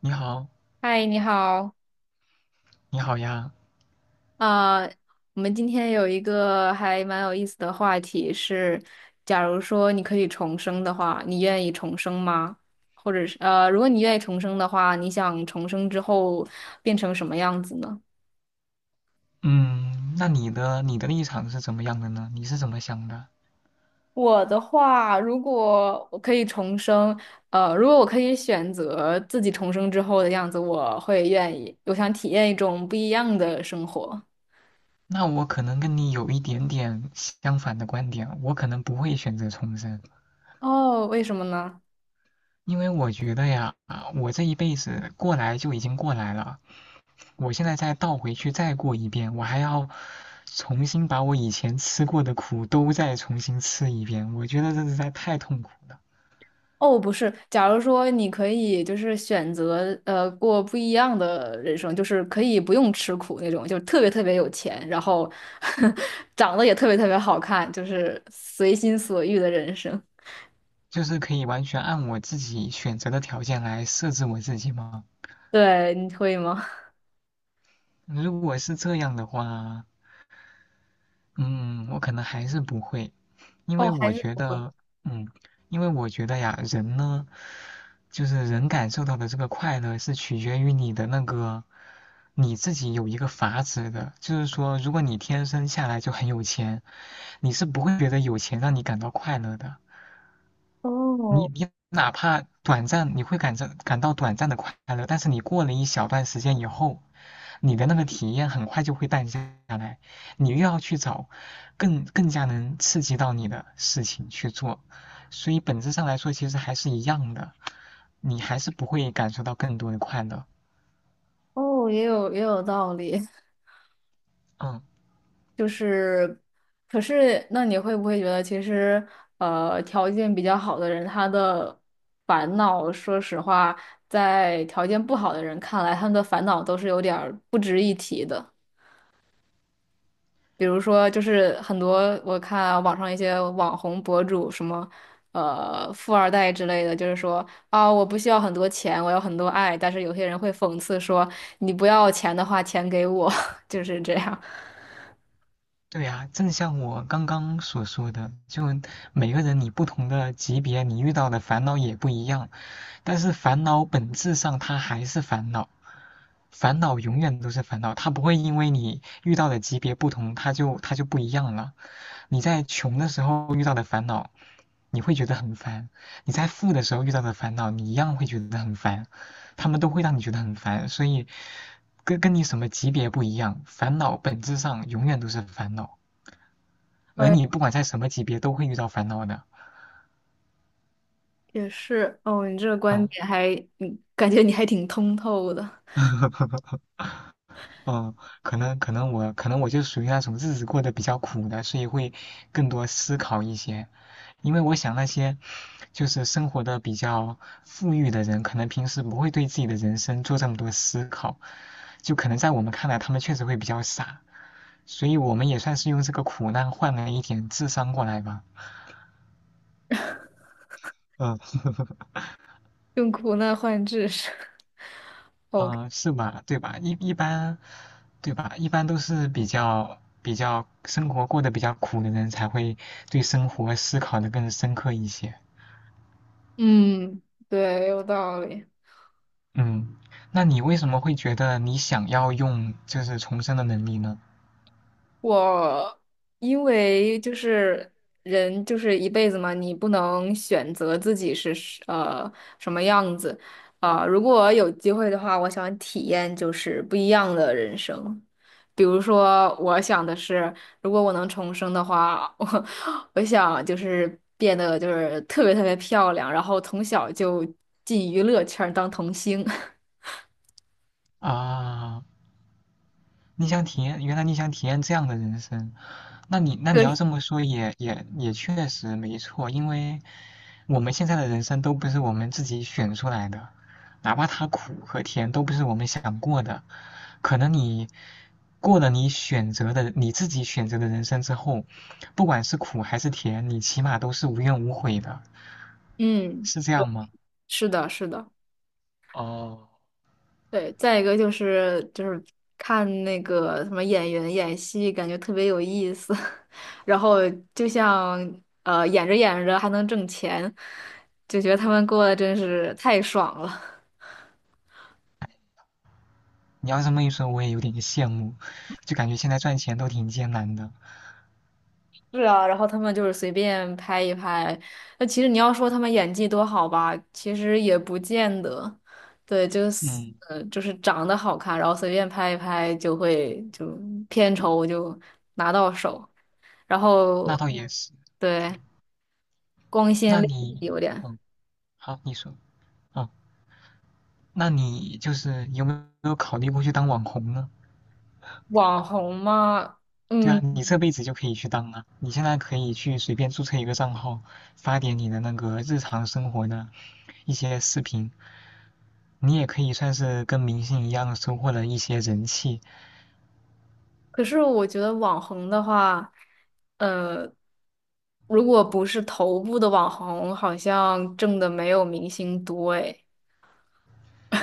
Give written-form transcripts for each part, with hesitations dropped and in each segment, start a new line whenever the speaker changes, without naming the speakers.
你好，
嗨，你好。
你好呀。
啊、我们今天有一个还蛮有意思的话题是，假如说你可以重生的话，你愿意重生吗？或者是如果你愿意重生的话，你想重生之后变成什么样子呢？
嗯，那你的立场是怎么样的呢？你是怎么想的？
我的话，如果我可以重生，如果我可以选择自己重生之后的样子，我会愿意，我想体验一种不一样的生活。
那我可能跟你有一点点相反的观点，我可能不会选择重生。
哦，为什么呢？
因为我觉得呀，我这一辈子过来就已经过来了，我现在再倒回去再过一遍，我还要重新把我以前吃过的苦都再重新吃一遍，我觉得这实在太痛苦了。
哦，不是，假如说你可以就是选择过不一样的人生，就是可以不用吃苦那种，就特别特别有钱，然后 长得也特别特别好看，就是随心所欲的人生。
就是可以完全按我自己选择的条件来设置我自己吗？
对，你会吗？
如果是这样的话，嗯，我可能还是不会，因
哦，
为
还
我
是
觉
不会。
得，嗯，因为我觉得呀，人呢，就是人感受到的这个快乐是取决于你的那个，你自己有一个阀值的。就是说，如果你天生下来就很有钱，你是不会觉得有钱让你感到快乐的，你哪怕短暂，你会感到短暂的快乐，但是你过了一小段时间以后，你的那个体验很快就会淡下来，你又要去找更加能刺激到你的事情去做，所以本质上来说其实还是一样的，你还是不会感受到更多的快乐。
哦，也有道理。
嗯，
就是，可是那你会不会觉得其实条件比较好的人，他的烦恼，说实话，在条件不好的人看来，他们的烦恼都是有点儿。比如说，就是很多我看网上一些网红博主，什么富二代之类的，就是说啊，我不需要很多钱，我要很多爱。但是有些人会讽刺说，你不要钱的话，钱给我。就是这样。
对呀，正像我刚刚所说的，就每个人你不同的级别，你遇到的烦恼也不一样，但是烦恼本质上它还是烦恼。烦恼永远都是烦恼，它不会因为你遇到的级别不同，它就不一样了。你在穷的时候遇到的烦恼，你会觉得很烦；你在富的时候遇到的烦恼，你一样会觉得很烦。他们都会让你觉得很烦，所以跟你什么级别不一样，烦恼本质上永远都是烦恼。而
呃，
你不管在什么级别都会遇到烦恼的。
也是哦，你这个观
嗯，
点还，嗯，感觉你还挺通透的。
嗯，可能我就属于那种日子过得比较苦的，所以会更多思考一些。因为我想那些就是生活的比较富裕的人，可能平时不会对自己的人生做这么多思考，就可能在我们看来，他们确实会比较傻，所以我们也算是用这个苦难换了一点智商过来吧。嗯
用苦难换知识。OK，
嗯，是吧？对吧？一般，对吧？一般都是比较生活过得比较苦的人，才会对生活思考的更深刻一些。
嗯，对，有道理。
嗯，那你为什么会觉得你想要用就是重生的能力呢？
我因为就是人就是一辈子嘛，你不能选择自己是什么样子啊。如果有机会的话，我想体验就是不一样的人生。比如说，我想的是，如果我能重生的话，我想就是变得就是特别特别漂亮，然后从小就进娱乐圈儿当童星。
啊，你想体验，原来你想体验这样的人生。那你 那你要
对，
这么说也确实没错，因为我们现在的人生都不是我们自己选出来的，哪怕它苦和甜都不是我们想过的，可能你过了你自己选择的人生之后，不管是苦还是甜，你起码都是无怨无悔的，
嗯，
是这样吗？
是的，是的。
哦，
对，再一个就是看那个什么演员演戏，感觉特别有意思，然后就像演着演着还能挣钱，就觉得他们过得真是太爽了。
你要这么一说，我也有点羡慕，就感觉现在赚钱都挺艰难的。
是啊，然后他们就是随便拍一拍。那其实你要说他们演技多好吧，其实也不见得。对，就是
嗯，
就是长得好看，然后随便拍一拍就会就片酬就拿到手，然
那
后
倒也是。
对。光鲜
那
亮
你，
丽有点。
嗯，好，你说，嗯，那你就是有没有考虑过去当网红呢？
网红嘛，
对啊，
嗯，
你这辈子就可以去当啊，你现在可以去随便注册一个账号，发点你的那个日常生活的一些视频，你也可以算是跟明星一样收获了一些人气。
可是我觉得网红的话，呃，如果不是头部的网红，好像挣的没有明星多诶。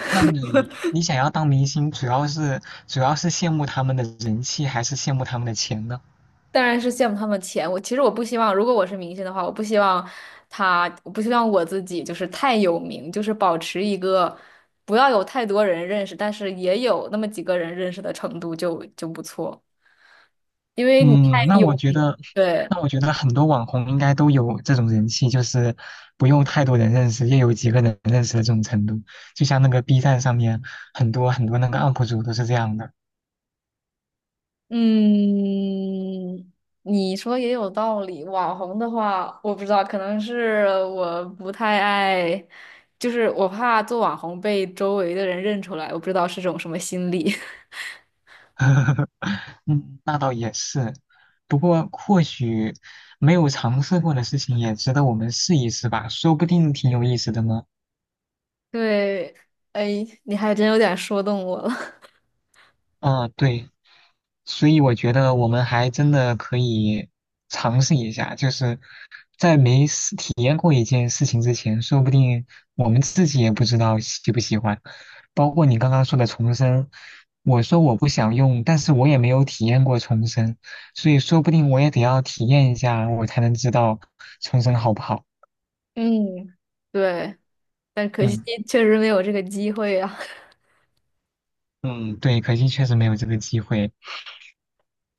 那你想要当明星，主要是羡慕他们的人气，还是羡慕他们的钱呢？
当然是羡慕他们钱。我其实我不希望，如果我是明星的话，我不希望他，我不希望我自己就是太有名，就是保持一个不要有太多人认识，但是也有那么几个人认识的程度就不错。因为你太
嗯，那我
有
觉
名，
得，
对。
那我觉得很多网红应该都有这种人气，就是不用太多人认识，也有几个人认识的这种程度。就像那个 B 站上面很多那个 UP 主都是这样的。
嗯，你说也有道理。网红的话，我不知道，可能是我不太爱，就是我怕做网红被周围的人认出来，我不知道是种什么心理。
嗯，那倒也是。不过或许没有尝试过的事情也值得我们试一试吧，说不定挺有意思的呢。
对，哎，你还真有点说动我了。
啊，对，所以我觉得我们还真的可以尝试一下，就是在没试体验过一件事情之前，说不定我们自己也不知道喜不喜欢。包括你刚刚说的重生，我说我不想用，但是我也没有体验过重生，所以说不定我也得要体验一下，我才能知道重生好不好。
嗯，对，但可惜
嗯
确实没有这个机会啊。
嗯，对，可惜确实没有这个机会。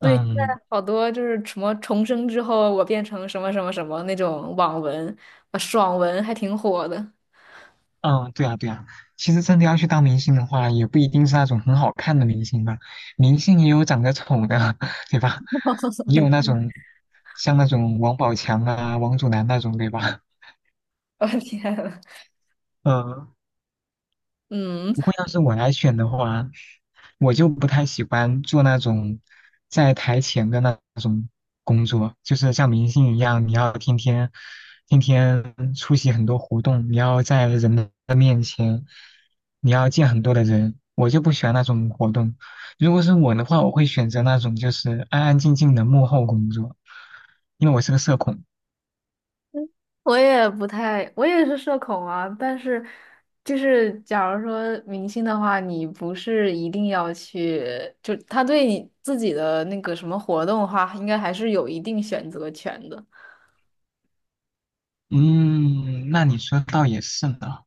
所以现
嗯。
在好多就是什么重生之后，我变成什么什么什么那种网文，啊爽文还挺火的。
嗯，对啊，对啊。其实真的要去当明星的话，也不一定是那种很好看的明星吧，明星也有长得丑的，对吧？也有那 种像王宝强啊、王祖蓝那种，对吧？
我的天！
嗯，
嗯，
不过要是我来选的话，我就不太喜欢做那种在台前的那种工作，就是像明星一样，你要天天出席很多活动，你要在人的面前，你要见很多的人，我就不喜欢那种活动。如果是我的话，我会选择那种就是安安静静的幕后工作，因为我是个社恐。
我也不太，我也是社恐啊。但是，就是假如说明星的话，你不是一定要去，就他对你自己的那个什么活动的话，应该还是有一定选择权的。
嗯，那你说倒也是呢。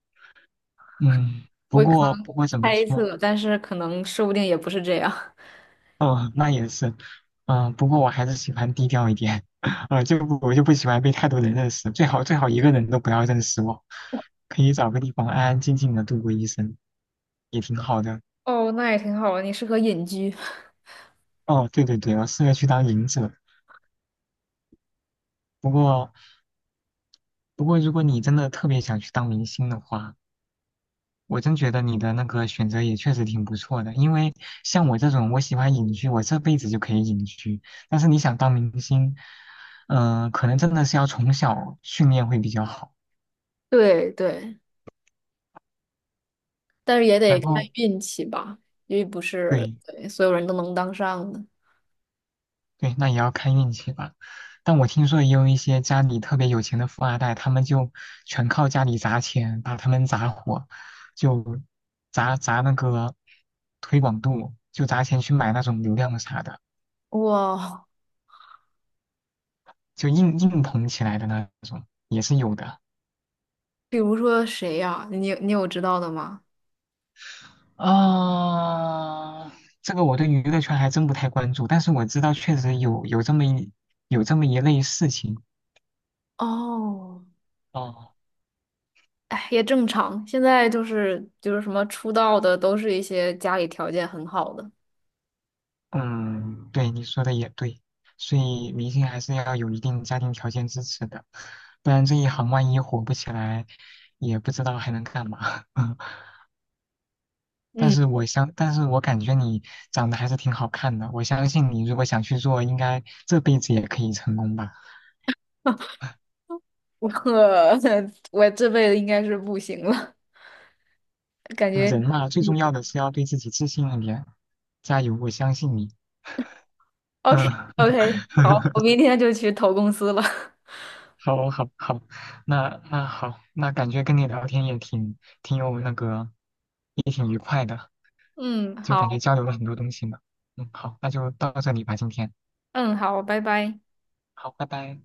嗯，不
我可
过
能
不过怎么
猜
说？
测，但是可能说不定也不是这样。
哦，那也是。嗯，不过我还是喜欢低调一点。呃，就不我就不喜欢被太多人认识，最好一个人都不要认识我，可以找个地方安安静静的度过一生，也挺好的。
哦，那也挺好的，你适合隐居。
哦，对对对，我适合去当隐者。不过不过如果你真的特别想去当明星的话，我真觉得你的那个选择也确实挺不错的，因为像我这种，我喜欢隐居，我这辈子就可以隐居。但是你想当明星，嗯、可能真的是要从小训练会比较好。
对对，但是也得
然
看
后，
运气吧，因为不是
对
对所有人都能当上的。
对，那也要看运气吧。但我听说也有一些家里特别有钱的富二代，他们就全靠家里砸钱，把他们砸火，就砸那个推广度，就砸钱去买那种流量啥的。
哇，
就硬捧起来的那种，也是有的。
比如说谁呀？你有知道的吗？
啊，这个我对娱乐圈还真不太关注，但是我知道确实有这么一类事情。
哦，
哦，
哎，也正常。现在就是什么出道的，都是一些家里条件很好的。
嗯，对，你说的也对，所以明星还是要有一定家庭条件支持的，不然这一行万一火不起来，也不知道还能干嘛。
嗯，
但是我感觉你长得还是挺好看的，我相信你如果想去做，应该这辈子也可以成功吧。
我 我这辈子应该是不行了，感
嗯
觉
人嘛，最重 要的是要对自己自信一点，加油，我相信你。
OK，
嗯，
OK，好，我明 天就去投公司了。
好，好，好，那好，那感觉跟你聊天也挺有那个，也挺愉快的，
嗯，
就感觉
好，
交流了很多东西嘛。嗯，好，那就到这里吧，今天。
嗯，好，拜拜。
好，拜拜。